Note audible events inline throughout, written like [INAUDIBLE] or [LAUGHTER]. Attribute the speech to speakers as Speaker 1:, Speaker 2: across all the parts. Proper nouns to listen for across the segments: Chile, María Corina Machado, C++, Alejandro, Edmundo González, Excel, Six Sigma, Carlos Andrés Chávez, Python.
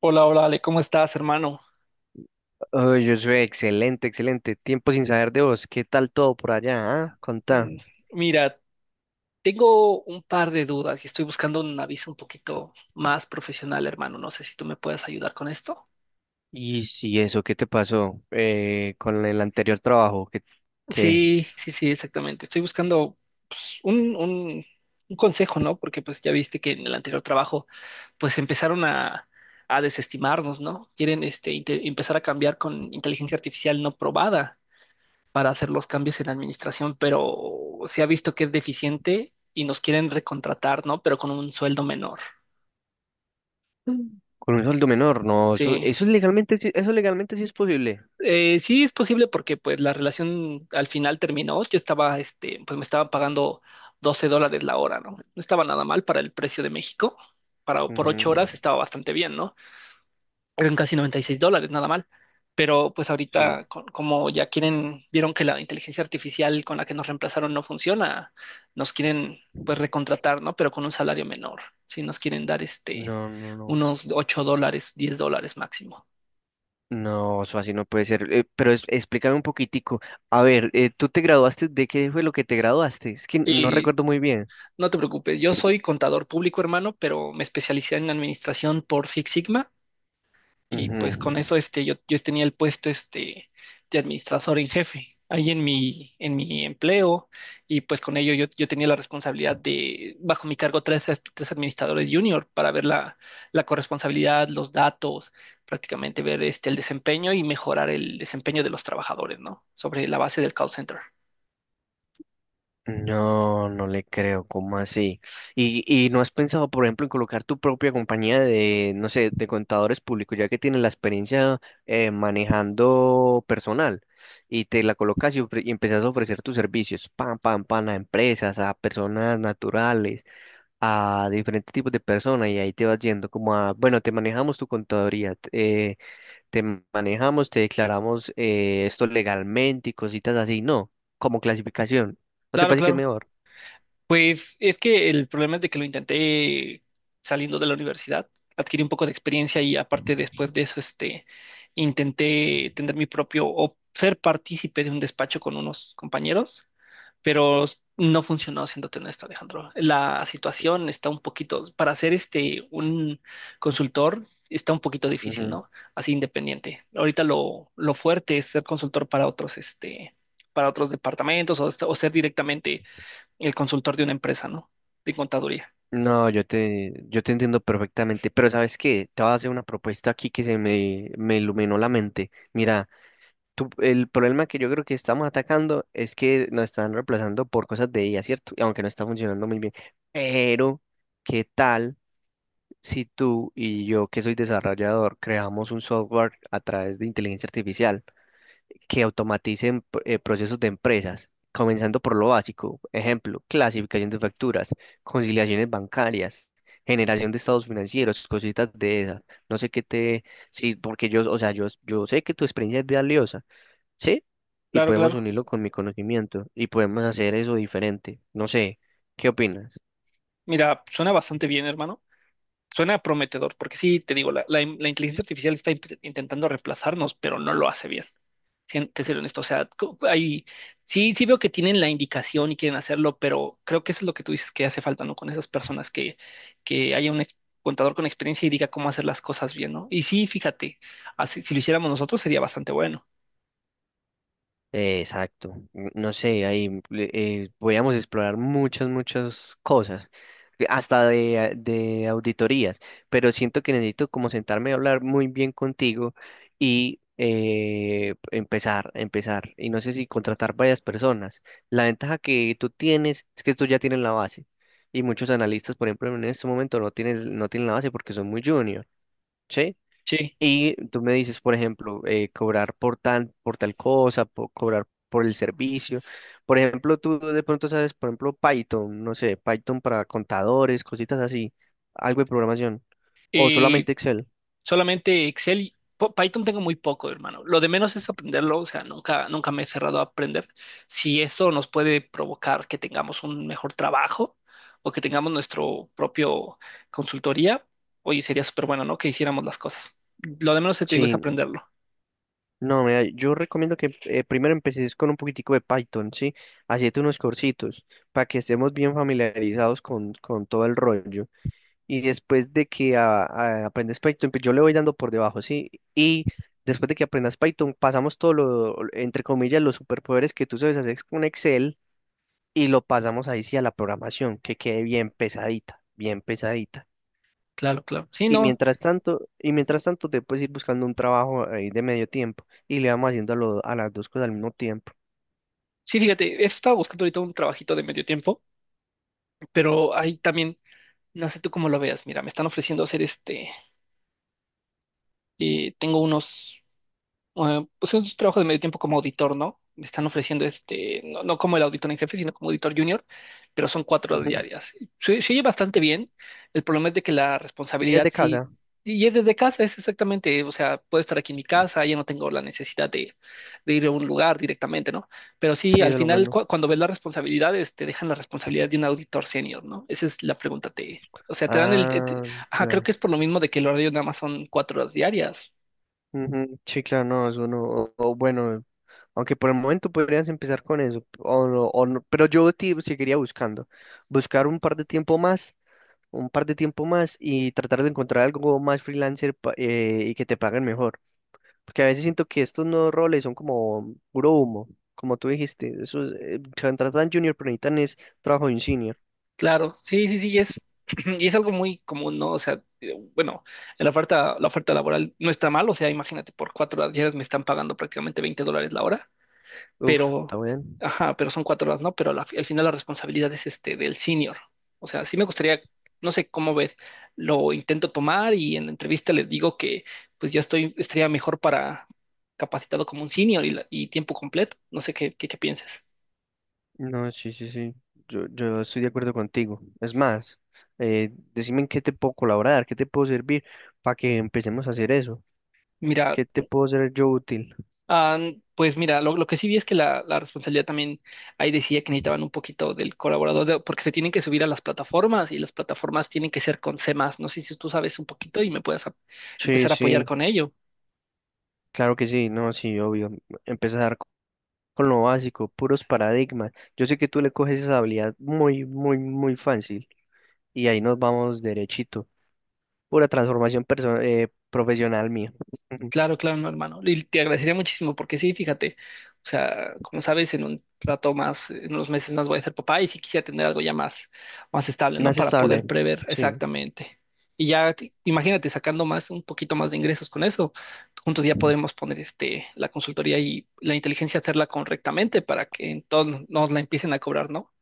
Speaker 1: Hola, hola, Ale, ¿cómo estás, hermano?
Speaker 2: Oh, yo soy excelente, excelente. Tiempo sin saber de vos. ¿Qué tal todo por allá? Ah, contá.
Speaker 1: Mm. Mira, tengo un par de dudas y estoy buscando un aviso un poquito más profesional, hermano. No sé si tú me puedes ayudar con esto.
Speaker 2: Y si eso, ¿qué te pasó con el anterior trabajo? ¿Qué?
Speaker 1: Sí, sí, sí, exactamente. Estoy buscando pues, un consejo, ¿no? Porque pues ya viste que en el anterior trabajo pues empezaron a desestimarnos, ¿no? Quieren este, empezar a cambiar con inteligencia artificial no probada para hacer los cambios en la administración, pero se ha visto que es deficiente y nos quieren recontratar, ¿no? Pero con un sueldo menor.
Speaker 2: Mm. Con un sueldo menor, no, eso,
Speaker 1: Sí.
Speaker 2: eso es legalmente, eso legalmente sí es posible.
Speaker 1: Sí es posible porque pues la relación al final terminó. Yo estaba, este, pues me estaban pagando $12 la hora, ¿no? No estaba nada mal para el precio de México. Para, por 8 horas
Speaker 2: Ujú.
Speaker 1: estaba bastante bien, ¿no? Eran casi $96, nada mal. Pero pues
Speaker 2: Sí.
Speaker 1: ahorita, como ya quieren, vieron que la inteligencia artificial con la que nos reemplazaron no funciona, nos quieren pues recontratar, ¿no? Pero con un salario menor, si nos quieren dar este
Speaker 2: No, no, no.
Speaker 1: unos $8, $10 máximo.
Speaker 2: No, eso así no puede ser. Pero explícame un poquitico. A ver, ¿tú te graduaste? ¿De qué fue lo que te graduaste? Es que no
Speaker 1: Y
Speaker 2: recuerdo muy bien.
Speaker 1: no te preocupes, yo soy contador público, hermano, pero me especialicé en administración por Six Sigma. Y pues
Speaker 2: Ujú.
Speaker 1: con eso este, yo tenía el puesto este, de administrador en jefe ahí en mi empleo y pues con ello yo tenía la responsabilidad de, bajo mi cargo, tres administradores junior para ver la corresponsabilidad, los datos, prácticamente ver este, el desempeño y mejorar el desempeño de los trabajadores, ¿no? Sobre la base del call center.
Speaker 2: No, no le creo, ¿cómo así? Y no has pensado, por ejemplo, en colocar tu propia compañía de, no sé, de contadores públicos, ya que tienes la experiencia manejando personal y te la colocas y empezás a ofrecer tus servicios, pam, pam, pam, a empresas, a personas naturales, a diferentes tipos de personas y ahí te vas yendo como a, bueno, te manejamos tu contaduría, te manejamos, te declaramos esto legalmente y cositas así, no, como clasificación. ¿No te
Speaker 1: Claro,
Speaker 2: parece que es
Speaker 1: claro.
Speaker 2: mejor?
Speaker 1: Pues es que el problema es de que lo intenté saliendo de la universidad, adquirí un poco de experiencia y aparte después de eso, este, intenté tener mi propio o ser partícipe de un despacho con unos compañeros, pero no funcionó, siéndote honesto, Alejandro. La situación está un poquito, para ser este, un consultor, está un poquito difícil,
Speaker 2: Ujú.
Speaker 1: ¿no? Así independiente. Ahorita lo fuerte es ser consultor para otros, este, para otros departamentos o ser directamente el consultor de una empresa, ¿no? De contaduría.
Speaker 2: No, yo te entiendo perfectamente, pero ¿sabes qué? Te voy a hacer una propuesta aquí me iluminó la mente. Mira, el problema que yo creo que estamos atacando es que nos están reemplazando por cosas de IA, ¿cierto? Y aunque no está funcionando muy bien. Pero, ¿qué tal si tú y yo, que soy desarrollador, creamos un software a través de inteligencia artificial, que automaticen procesos de empresas, comenzando por lo básico, ejemplo, clasificación de facturas, conciliaciones bancarias, generación de estados financieros, cositas de esas. No sé qué te, sí, porque yo, o sea, yo sé que tu experiencia es valiosa, ¿sí? Y
Speaker 1: Claro,
Speaker 2: podemos
Speaker 1: claro.
Speaker 2: unirlo con mi conocimiento y podemos hacer eso diferente. No sé, ¿qué opinas?
Speaker 1: Mira, suena bastante bien, hermano. Suena prometedor, porque sí, te digo, la inteligencia artificial está intentando reemplazarnos, pero no lo hace bien. Te seré honesto, o sea, hay, sí, sí veo que tienen la indicación y quieren hacerlo, pero creo que eso es lo que tú dices que hace falta, ¿no? Con esas personas que haya un contador con experiencia y diga cómo hacer las cosas bien, ¿no? Y sí, fíjate, así, si lo hiciéramos nosotros sería bastante bueno.
Speaker 2: Exacto. No sé, podíamos explorar muchas, muchas cosas, que hasta de, de auditorías, pero siento que necesito como sentarme a hablar muy bien contigo y empezar, y no sé si contratar varias personas. La ventaja que tú tienes es que tú ya tienes la base, y muchos analistas, por ejemplo, en este momento no tienen la base porque son muy junior, ¿sí?
Speaker 1: Sí.
Speaker 2: Y tú me dices, por ejemplo, por tal cosa, cobrar por el servicio. Por ejemplo, tú de pronto sabes, por ejemplo, Python, no sé, Python para contadores, cositas así, algo de programación. O
Speaker 1: Eh,
Speaker 2: solamente Excel.
Speaker 1: Solamente Excel y Python tengo muy poco, hermano. Lo de menos es aprenderlo, o sea, nunca, nunca me he cerrado a aprender. Si eso nos puede provocar que tengamos un mejor trabajo o que tengamos nuestro propio consultoría, oye, sería súper bueno, ¿no? Que hiciéramos las cosas. Lo de menos te digo es
Speaker 2: Sí,
Speaker 1: aprenderlo.
Speaker 2: no, mira, yo recomiendo que primero empecés con un poquitico de Python, ¿sí? Hacete unos cursitos para que estemos bien familiarizados con todo el rollo. Y después de que aprendes Python, pues yo le voy dando por debajo, ¿sí? Y después de que aprendas Python, pasamos todo lo, entre comillas, los superpoderes que tú sabes hacer con Excel y lo pasamos ahí sí a la programación, que quede bien pesadita, bien pesadita.
Speaker 1: Claro, claro. Sí, no.
Speaker 2: Y mientras tanto te puedes ir buscando un trabajo ahí de medio tiempo y le vamos haciendo a, a las dos cosas al mismo tiempo.
Speaker 1: Sí, fíjate, eso estaba buscando ahorita un trabajito de medio tiempo, pero ahí también, no sé tú cómo lo veas. Mira, me están ofreciendo hacer este, tengo unos pues es un trabajo de medio tiempo como auditor, ¿no? Me están ofreciendo este, no, no como el auditor en jefe, sino como auditor junior, pero son 4 horas
Speaker 2: Ujú.
Speaker 1: diarias. Se oye bastante bien. El problema es de que la
Speaker 2: Y
Speaker 1: responsabilidad
Speaker 2: desde
Speaker 1: sí,
Speaker 2: casa,
Speaker 1: y es desde casa, es exactamente, o sea, puedo estar aquí en mi casa, ya no tengo la necesidad de ir a un lugar directamente, ¿no? Pero sí,
Speaker 2: sí,
Speaker 1: al
Speaker 2: eso es lo
Speaker 1: final,
Speaker 2: bueno.
Speaker 1: cuando ves las responsabilidades, te dejan la responsabilidad de un auditor senior, ¿no? Esa es la pregunta, te, o sea, te dan el,
Speaker 2: Ah,
Speaker 1: ajá, creo que
Speaker 2: ya.
Speaker 1: es por lo mismo de que el horario nada más son 4 horas diarias.
Speaker 2: Ujú. Sí, claro, no, eso no. O bueno, aunque por el momento podrías empezar con eso, o no, pero yo te seguiría buscando, buscar un par de tiempo más, un par de tiempo más y tratar de encontrar algo más freelancer y que te paguen mejor, porque a veces siento que estos nuevos roles son como puro humo, como tú dijiste, eso es, contratan junior, pero necesitan es trabajo de un senior.
Speaker 1: Claro, sí, sí, sí, y es, [CLEARS THROAT] y es algo muy común, ¿no? O sea, bueno, en la oferta laboral no está mal, o sea, imagínate, por 4 horas diarias me están pagando prácticamente $20 la hora,
Speaker 2: Uf, está
Speaker 1: pero,
Speaker 2: bien.
Speaker 1: ajá, pero son 4 horas, ¿no? Pero al final la responsabilidad es este del senior. O sea, sí me gustaría, no sé cómo ves, lo intento tomar y en la entrevista les digo que pues yo estoy, estaría mejor para capacitado como un senior y, y tiempo completo. No sé qué pienses.
Speaker 2: No, sí, sí, sí, yo estoy de acuerdo contigo. Es más, decime en qué te puedo colaborar, qué te puedo servir para que empecemos a hacer eso.
Speaker 1: Mira.
Speaker 2: ¿Qué te puedo ser yo útil?
Speaker 1: Ah, pues mira, lo que sí vi es que la responsabilidad también ahí decía que necesitaban un poquito del colaborador, porque se tienen que subir a las plataformas y las plataformas tienen que ser con C++ más. No sé si tú sabes un poquito y me puedas
Speaker 2: Sí,
Speaker 1: empezar a apoyar
Speaker 2: sí,
Speaker 1: con ello.
Speaker 2: claro que sí, no, sí, obvio. Empezar con lo básico, puros paradigmas. Yo sé que tú le coges esa habilidad muy, muy, muy fácil y ahí nos vamos derechito. Pura transformación profesional mía. Ujú.
Speaker 1: Claro, claro, no, hermano. Y te agradecería muchísimo porque sí, fíjate, o sea, como sabes, en un rato más, en unos meses más voy a ser papá y sí quisiera tener algo ya más estable, ¿no?
Speaker 2: Más
Speaker 1: Para poder
Speaker 2: estable.
Speaker 1: prever
Speaker 2: Sí,
Speaker 1: exactamente. Y ya, imagínate, sacando más, un poquito más de ingresos con eso, juntos ya podremos poner este, la consultoría y la inteligencia hacerla correctamente para que entonces nos la empiecen a cobrar, ¿no?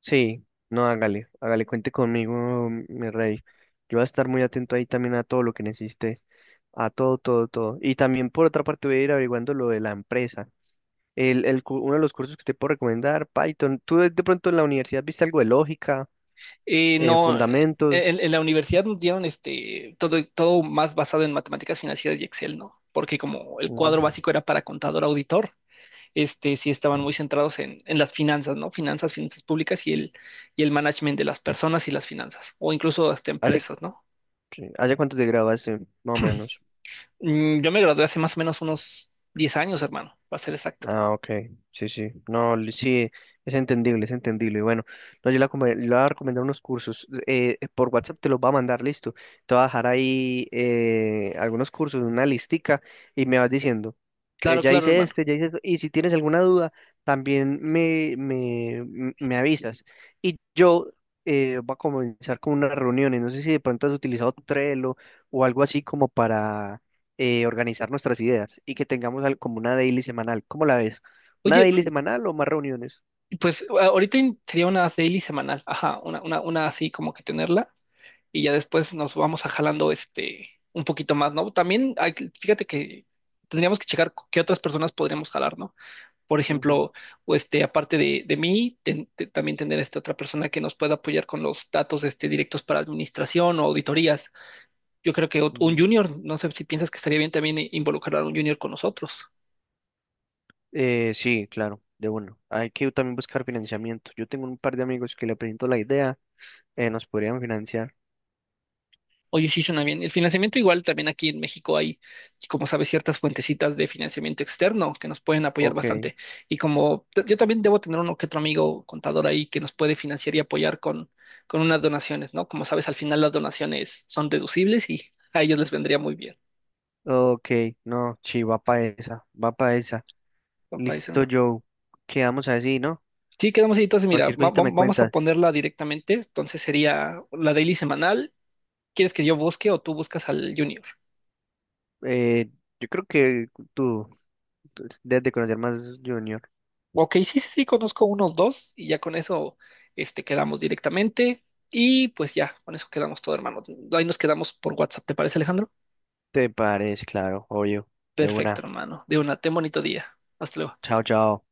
Speaker 2: sí, no, hágale, hágale, cuente conmigo, mi rey. Yo voy a estar muy atento ahí también a todo lo que necesites, a todo, todo, todo. Y también por otra parte voy a ir averiguando lo de la empresa. Uno de los cursos que te puedo recomendar, Python. ¿Tú de pronto en la universidad viste algo de lógica,
Speaker 1: No,
Speaker 2: fundamentos?
Speaker 1: en, la universidad nos dieron este, todo más basado en matemáticas financieras y Excel, ¿no? Porque como el
Speaker 2: Ujú.
Speaker 1: cuadro básico era para contador auditor, este, sí estaban muy centrados en las finanzas, ¿no? Finanzas públicas y y el management de las personas y las finanzas, o incluso hasta
Speaker 2: ¿Hace,
Speaker 1: empresas, ¿no?
Speaker 2: sí, hace cuánto te graduaste, más o menos?
Speaker 1: Yo me gradué hace más o menos unos 10 años, hermano, para ser exacto.
Speaker 2: Ah, ok, sí, sí, no, sí, es entendible, es entendible. Y bueno, no, le voy a recomendar unos cursos, por WhatsApp te los va a mandar, listo. Te voy a dejar ahí algunos cursos, una listica, y me vas diciendo,
Speaker 1: Claro,
Speaker 2: ya
Speaker 1: claro,
Speaker 2: hice
Speaker 1: hermano.
Speaker 2: este, ya hice esto, y si tienes alguna duda, también me avisas. Y yo voy a comenzar con unas reuniones, no sé si de pronto has utilizado Trello o algo así como para organizar nuestras ideas y que tengamos como una daily semanal. ¿Cómo la ves? ¿Una
Speaker 1: Oye.
Speaker 2: daily semanal o más reuniones?
Speaker 1: Pues ahorita sería una daily semanal, ajá, una así como que tenerla y ya después nos vamos a jalando este un poquito más, ¿no? También hay fíjate que tendríamos que checar qué otras personas podríamos jalar, ¿no? Por
Speaker 2: Ujú,
Speaker 1: ejemplo, o este, aparte de mí, también tener esta otra persona que nos pueda apoyar con los datos este, directos para administración o auditorías. Yo creo que un
Speaker 2: ujú.
Speaker 1: junior, no sé si piensas que estaría bien también involucrar a un junior con nosotros.
Speaker 2: Sí, claro, de uno. Hay que también buscar financiamiento. Yo tengo un par de amigos que le presento la idea, nos podrían financiar.
Speaker 1: Oye, sí suena bien. El financiamiento igual también aquí en México hay, como sabes, ciertas fuentecitas de financiamiento externo que nos pueden apoyar
Speaker 2: Ok,
Speaker 1: bastante. Y como yo también debo tener uno que otro amigo contador ahí que nos puede financiar y apoyar con, unas donaciones, ¿no? Como sabes, al final las donaciones son deducibles y a ellos les vendría muy bien.
Speaker 2: ok, no, sí, va para esa, va para esa.
Speaker 1: Papá dice,
Speaker 2: Listo,
Speaker 1: no.
Speaker 2: Joe. Quedamos así, ¿no?
Speaker 1: Sí, quedamos ahí. Entonces, mira,
Speaker 2: Cualquier cosita me
Speaker 1: vamos a
Speaker 2: cuentas.
Speaker 1: ponerla directamente. Entonces sería la daily semanal. ¿Quieres que yo busque o tú buscas al junior?
Speaker 2: Eh, yo creo que tú tú debes de conocer más junior.
Speaker 1: Ok, sí, sí, sí, conozco unos dos y ya con eso este, quedamos directamente y pues ya, con eso quedamos todo, hermano. Ahí nos quedamos por WhatsApp, ¿te parece, Alejandro?
Speaker 2: Te parece, claro, obvio, de
Speaker 1: Perfecto,
Speaker 2: una.
Speaker 1: hermano. De una, ten bonito día. Hasta luego.
Speaker 2: Chao, chao.